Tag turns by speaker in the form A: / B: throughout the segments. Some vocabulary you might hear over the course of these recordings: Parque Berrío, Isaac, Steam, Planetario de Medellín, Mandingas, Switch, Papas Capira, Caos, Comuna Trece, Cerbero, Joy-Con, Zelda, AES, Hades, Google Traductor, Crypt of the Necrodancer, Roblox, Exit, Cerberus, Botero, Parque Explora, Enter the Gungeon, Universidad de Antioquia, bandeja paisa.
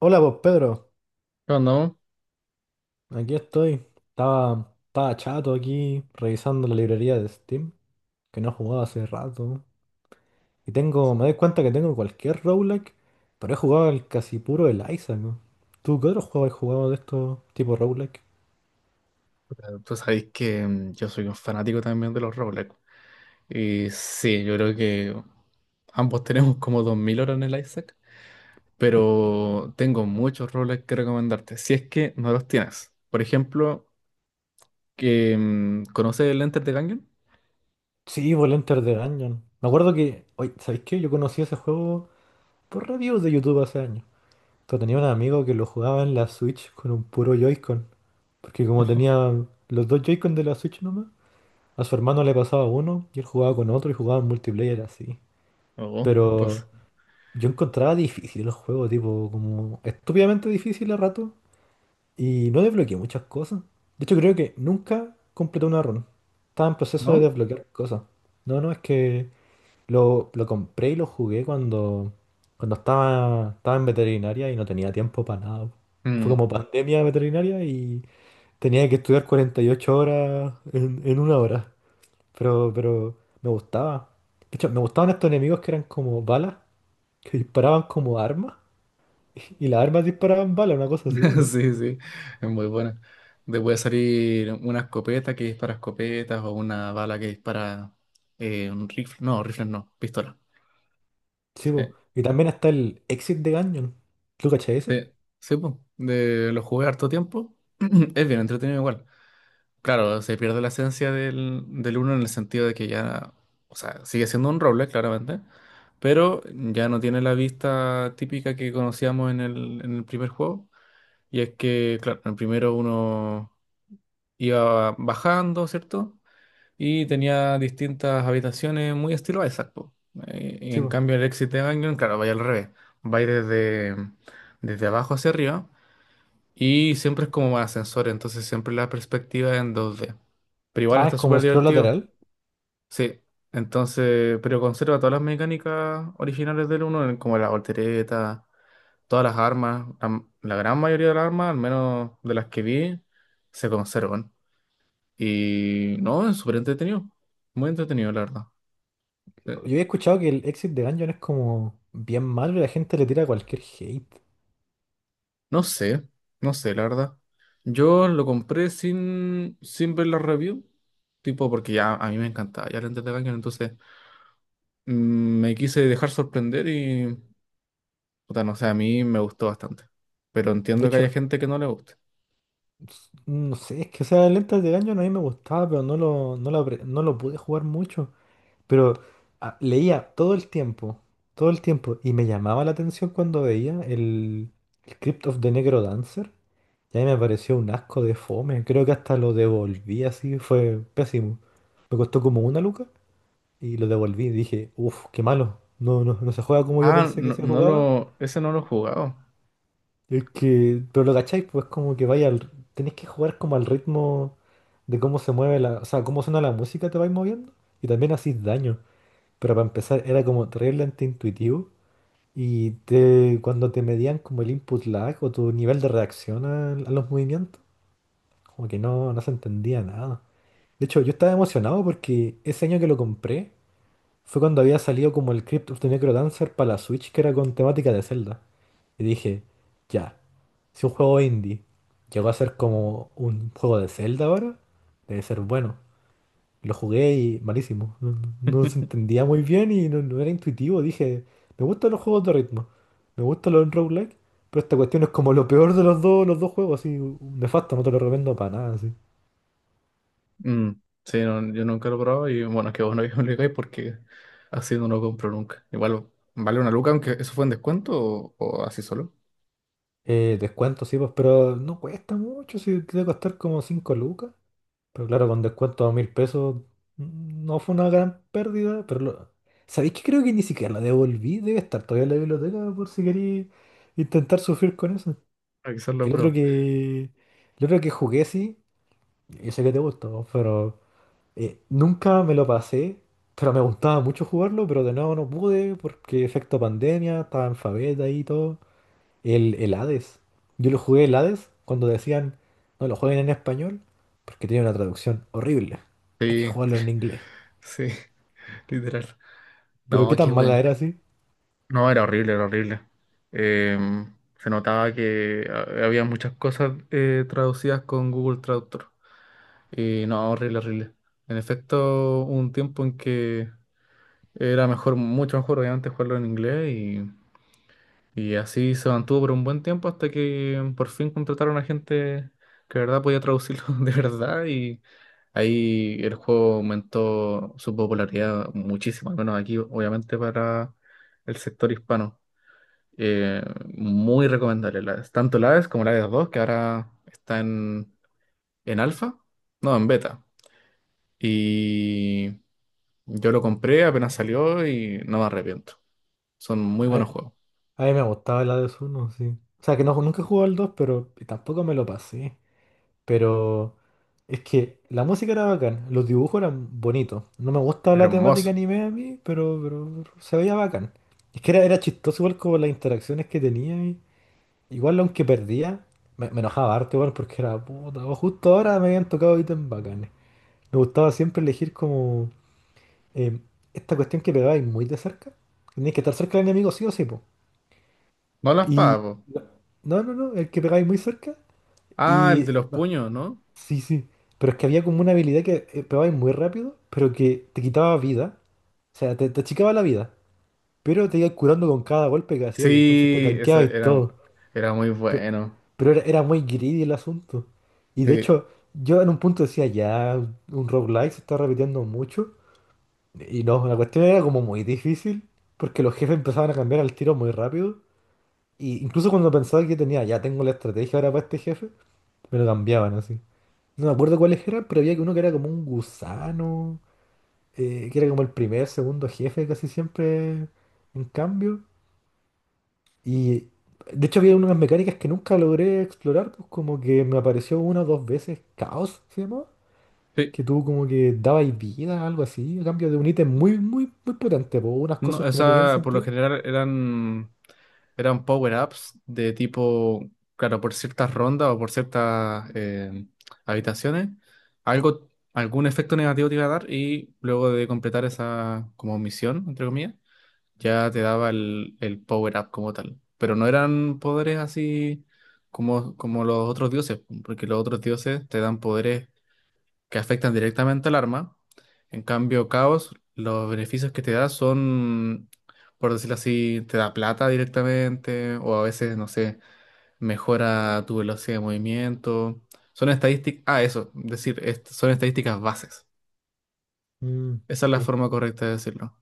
A: Hola, pues Pedro,
B: No, no,
A: aquí estoy. Estaba chato aquí revisando la librería de Steam, que no jugaba hace rato. Y tengo, me doy cuenta que tengo cualquier roguelike, pero he jugado el casi puro el Isaac. ¿No? ¿Tú qué otro juego has jugado de estos tipos roguelike?
B: pero tú sabéis que yo soy un fanático también de los Roblox. Y sí, yo creo que ambos tenemos como 2000 horas en el Isaac, pero tengo muchos Roblox que recomendarte, si es que no los tienes. Por ejemplo, ¿conoces el Enter the Gungeon?
A: Sí, por el Enter the Gungeon. Me acuerdo que, oye, ¿sabéis qué? Yo conocí ese juego por reviews de YouTube hace años. Pero tenía un amigo que lo jugaba en la Switch con un puro Joy-Con, porque como tenía los dos Joy-Con de la Switch. A su hermano le pasaba uno y él jugaba con otro y jugaban multiplayer así.
B: Oh,
A: Pero
B: pues,
A: yo encontraba difícil el juego, tipo, como estúpidamente difícil a rato. Y no desbloqueé muchas cosas. De hecho, creo que nunca completé una run. Estaba en proceso de
B: ¿no?
A: desbloquear cosas. No, no, es que lo compré y lo jugué cuando, cuando estaba en veterinaria y no tenía tiempo para nada. Fue
B: Mm.
A: como pandemia veterinaria y tenía que estudiar 48 horas en una hora. Pero me gustaba. De hecho, me gustaban estos enemigos que eran como balas, que disparaban como armas. Y las armas disparaban balas, una cosa así, ¿o no?
B: Sí, sí, es muy buena. Te puede salir una escopeta que dispara escopetas o una bala que dispara un rifle no, pistola.
A: Sí, po.
B: Sí.
A: Y también está el Exit de Gungeon. ¿Tú cachai ese?
B: Sí, sí, po. De, lo jugué harto tiempo. Es bien entretenido igual. Claro, se pierde la esencia del uno en el sentido de que ya, o sea, sigue siendo un roble, claramente, pero ya no tiene la vista típica que conocíamos en el primer juego. Y es que, claro, en el primero uno iba bajando, ¿cierto? Y tenía distintas habitaciones muy estilo Isaac, po. Y,
A: Sí,
B: en
A: po.
B: cambio el Exit de claro, vaya al revés. Va desde, desde abajo hacia arriba. Y siempre es como más ascensor, entonces siempre la perspectiva es en dos d. Pero igual
A: Ah, es
B: está
A: como
B: súper
A: scroll
B: divertido.
A: lateral.
B: Sí, entonces, pero conserva todas las mecánicas originales del 1, como la voltereta, todas las armas, la gran mayoría de las armas, al menos de las que vi, se conservan. Y no, es súper entretenido, muy entretenido, la verdad. Sí.
A: Yo había escuchado que el Exit de Gungeon es como bien malo y la gente le tira cualquier hate.
B: No sé, no sé, la verdad. Yo lo compré sin, sin ver la review, tipo porque ya a mí me encantaba, ya lo entretenía, entonces... Me quise dejar sorprender y, puta, no sé, a mí me gustó bastante. Pero
A: De
B: entiendo que haya
A: hecho,
B: gente que no le guste.
A: no sé, es que esa lenta de Gungeon a mí me gustaba, pero no lo pude jugar mucho. Pero leía todo el tiempo, y me llamaba la atención cuando veía el Crypt of the Negro Dancer. Y ahí me pareció un asco de fome. Creo que hasta lo devolví así, fue pésimo. Me costó como una luca y lo devolví. Dije, uff, qué malo. No, no, no se juega como yo pensé que se jugaba.
B: Ese no lo he jugado.
A: Es que, pero lo cacháis, pues como que vaya, tenéis que jugar como al ritmo de cómo se mueve la, o sea, cómo suena la música, te vais moviendo. Y también hacís daño. Pero para empezar, era como terriblemente intuitivo y te, cuando te medían como el input lag o tu nivel de reacción a los movimientos, como que no, no se entendía nada. De hecho, yo estaba emocionado porque ese año que lo compré fue cuando había salido como el Crypt of the Necrodancer para la Switch, que era con temática de Zelda. Y dije, ya, si un juego indie llegó a ser como un juego de Zelda ahora, debe ser bueno. Lo jugué y malísimo. No se entendía muy bien y no, no era intuitivo. Dije, me gustan los juegos de ritmo. Me gustan los roguelike. Pero esta cuestión es como lo peor de los dos juegos, así, un nefasto, no te lo recomiendo para nada, así.
B: Mm, sí, no, yo nunca lo he probado y bueno, es que vos no me digáis porque así no lo compro nunca. Igual vale una luca, aunque eso fue en descuento o así solo.
A: Descuento, sí, pues, pero no cuesta mucho, sí, debe costar como 5 lucas. Pero claro, con descuento a mil pesos no fue una gran pérdida, pero lo... ¿Sabéis que creo que ni siquiera la devolví? Debe estar todavía en la biblioteca por si queréis intentar sufrir con eso.
B: Ah, quizás lo
A: El otro
B: pruebo.
A: que, el otro que jugué, sí, yo sé que te gustó, pero nunca me lo pasé, pero me gustaba mucho jugarlo, pero de nuevo no pude porque efecto pandemia, estaba en faveta y todo. El Hades. Yo lo jugué el Hades cuando decían, no lo jueguen en español, porque tiene una traducción horrible. Hay que
B: Sí,
A: jugarlo en inglés.
B: sí, literal.
A: Pero
B: No,
A: qué
B: qué
A: tan mala
B: buen.
A: era, sí.
B: No, era horrible, era horrible. Se notaba que había muchas cosas traducidas con Google Traductor. Y no, horrible, horrible. En efecto, hubo un tiempo en que era mejor, mucho mejor, obviamente, jugarlo en inglés y así se mantuvo por un buen tiempo hasta que por fin contrataron a gente que de verdad podía traducirlo de verdad y ahí el juego aumentó su popularidad muchísimo, al menos aquí, obviamente, para el sector hispano. Eh, Muy recomendable, tanto la AES como la AES dos que ahora está en alfa, no, en beta. Y yo lo compré, apenas salió y no me arrepiento. Son muy
A: A,
B: buenos juegos.
A: a mí me gustaba el Hades 1, sí. O sea, que no, nunca jugué al 2 pero tampoco me lo pasé. Pero es que la música era bacán, los dibujos eran bonitos. No me gusta la temática
B: Hermoso.
A: anime a mí, pero se veía bacán. Es que era chistoso igual como las interacciones que tenía. Igual aunque perdía, me enojaba harto igual porque era puta. O justo ahora me habían tocado ítems bacanes. Me gustaba siempre elegir como eh, esta cuestión que pegabais muy de cerca. Tenías que estar cerca del enemigo sí o sí, po.
B: No las
A: Y
B: pago.
A: no, el que pegáis muy cerca.
B: Ah, el de
A: Y
B: los
A: no,
B: puños, ¿no?
A: sí, sí. Pero es que había como una habilidad que pegabais muy rápido, pero que te quitaba vida. O sea, te achicaba la vida. Pero te ibas curando con cada golpe que hacías y entonces te
B: Sí, eso
A: tanqueaba y
B: era,
A: todo.
B: era muy
A: Pe-
B: bueno.
A: Pero, era muy greedy el asunto. Y de
B: Sí,
A: hecho, yo en un punto decía, ya, un roguelike se está repitiendo mucho. Y no, la cuestión era como muy difícil, porque los jefes empezaban a cambiar al tiro muy rápido. Y incluso cuando pensaba que tenía, ya tengo la estrategia ahora para este jefe, me lo cambiaban así. No me acuerdo cuáles eran, pero había uno que era como un gusano, que era como el primer, segundo jefe casi siempre en cambio. Y de hecho había unas mecánicas que nunca logré explorar, pues como que me apareció una o dos veces Caos, se llamaba,
B: sí.
A: que tú como que dabas vida, algo así, a cambio de un ítem muy, muy, muy potente, pues unas
B: No,
A: cosas
B: o
A: que no tenían
B: sea, por lo
A: sentido.
B: general eran. Eran power-ups de tipo, claro, por ciertas rondas o por ciertas habitaciones, algo, algún efecto negativo te iba a dar y luego de completar esa como misión, entre comillas, ya te daba el power-up como tal. Pero no eran poderes así como, como los otros dioses, porque los otros dioses te dan poderes que afectan directamente al arma. En cambio, Caos, los beneficios que te da son, por decirlo así, te da plata directamente, o a veces, no sé, mejora tu velocidad de movimiento. Son estadísticas, ah, eso, decir, son estadísticas bases.
A: Mm,
B: Esa es la
A: sí.
B: forma correcta de decirlo.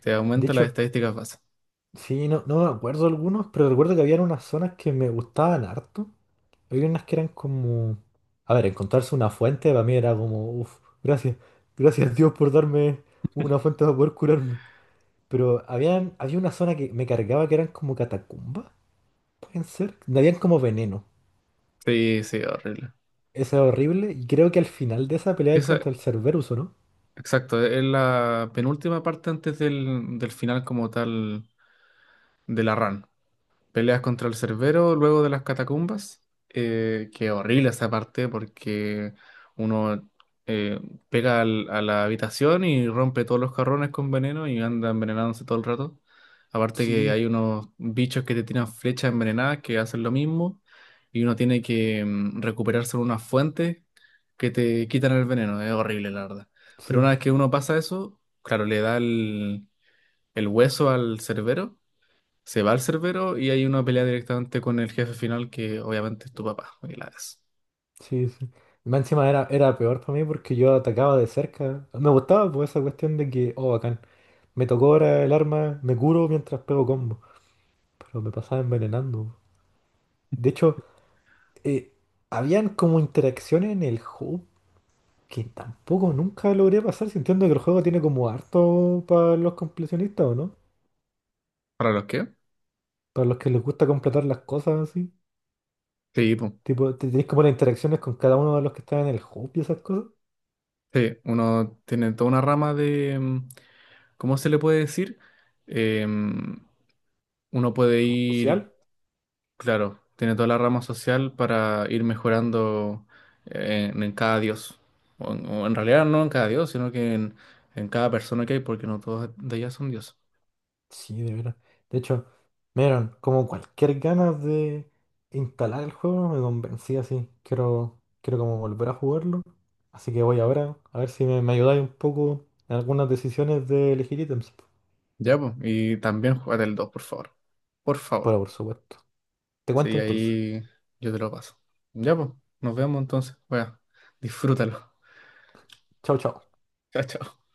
B: Te
A: De
B: aumenta las
A: hecho,
B: estadísticas bases.
A: sí, no, no me acuerdo algunos, pero recuerdo que había unas zonas que me gustaban harto. Había unas que eran como... A ver, encontrarse una fuente para mí era como, uff, gracias, gracias Dios por darme una fuente para poder curarme. Pero habían, había una zona que me cargaba que eran como catacumbas, pueden ser. Donde habían como veneno.
B: Sí, sí, horrible.
A: Esa era horrible. Y creo que al final de esa pelea es
B: Esa,
A: contra el Cerberus, ¿o no?
B: exacto, es la penúltima parte antes del final como tal de la run. Peleas contra el Cerbero luego de las catacumbas. Que horrible esa parte porque uno eh, pega a la habitación y rompe todos los carrones con veneno y anda envenenándose todo el rato. Aparte que
A: Sí,
B: hay unos bichos que te tiran flechas envenenadas que hacen lo mismo y uno tiene que recuperarse en unas fuentes que te quitan el veneno. Es horrible, la verdad. Pero una
A: sí,
B: vez que uno pasa eso, claro, le da el hueso al Cerbero, se va al cerbero y hay una pelea directamente con el jefe final que obviamente es tu papá. Y es.
A: sí, sí. Y más encima era peor para mí porque yo atacaba de cerca. Me gustaba por esa cuestión de que, oh, bacán, me tocó ahora el arma, me curo mientras pego combo. Pero me pasaba envenenando. De hecho, eh, habían como interacciones en el hub que tampoco nunca logré pasar. Si Entiendo que el juego tiene como harto para los completionistas, ¿o no?
B: ¿Para los qué?
A: Para los que les gusta completar las cosas así.
B: Sí, po.
A: Tipo, tenés como las interacciones con cada uno de los que están en el hub y esas cosas.
B: Sí, uno tiene toda una rama de... ¿cómo se le puede decir? Em, Uno puede ir,
A: Social.
B: claro, tiene toda la rama social para ir mejorando en cada dios. O en realidad no en cada dios, sino que en cada persona que hay, porque no todos de ellas son dioses.
A: Sí, de veras. De hecho, me dieron como cualquier ganas de instalar el juego, me convencí así. Quiero como volver a jugarlo. Así que voy ahora a ver si me ayudáis un poco en algunas decisiones de elegir ítems.
B: Ya, pues. Y también juega el dos, por favor. Por
A: Pero
B: favor.
A: por supuesto. Te cuento
B: Sí,
A: entonces.
B: ahí yo te lo paso. Ya, pues, nos vemos entonces. Bueno, disfrútalo.
A: Chao, chao.
B: Chao, chao.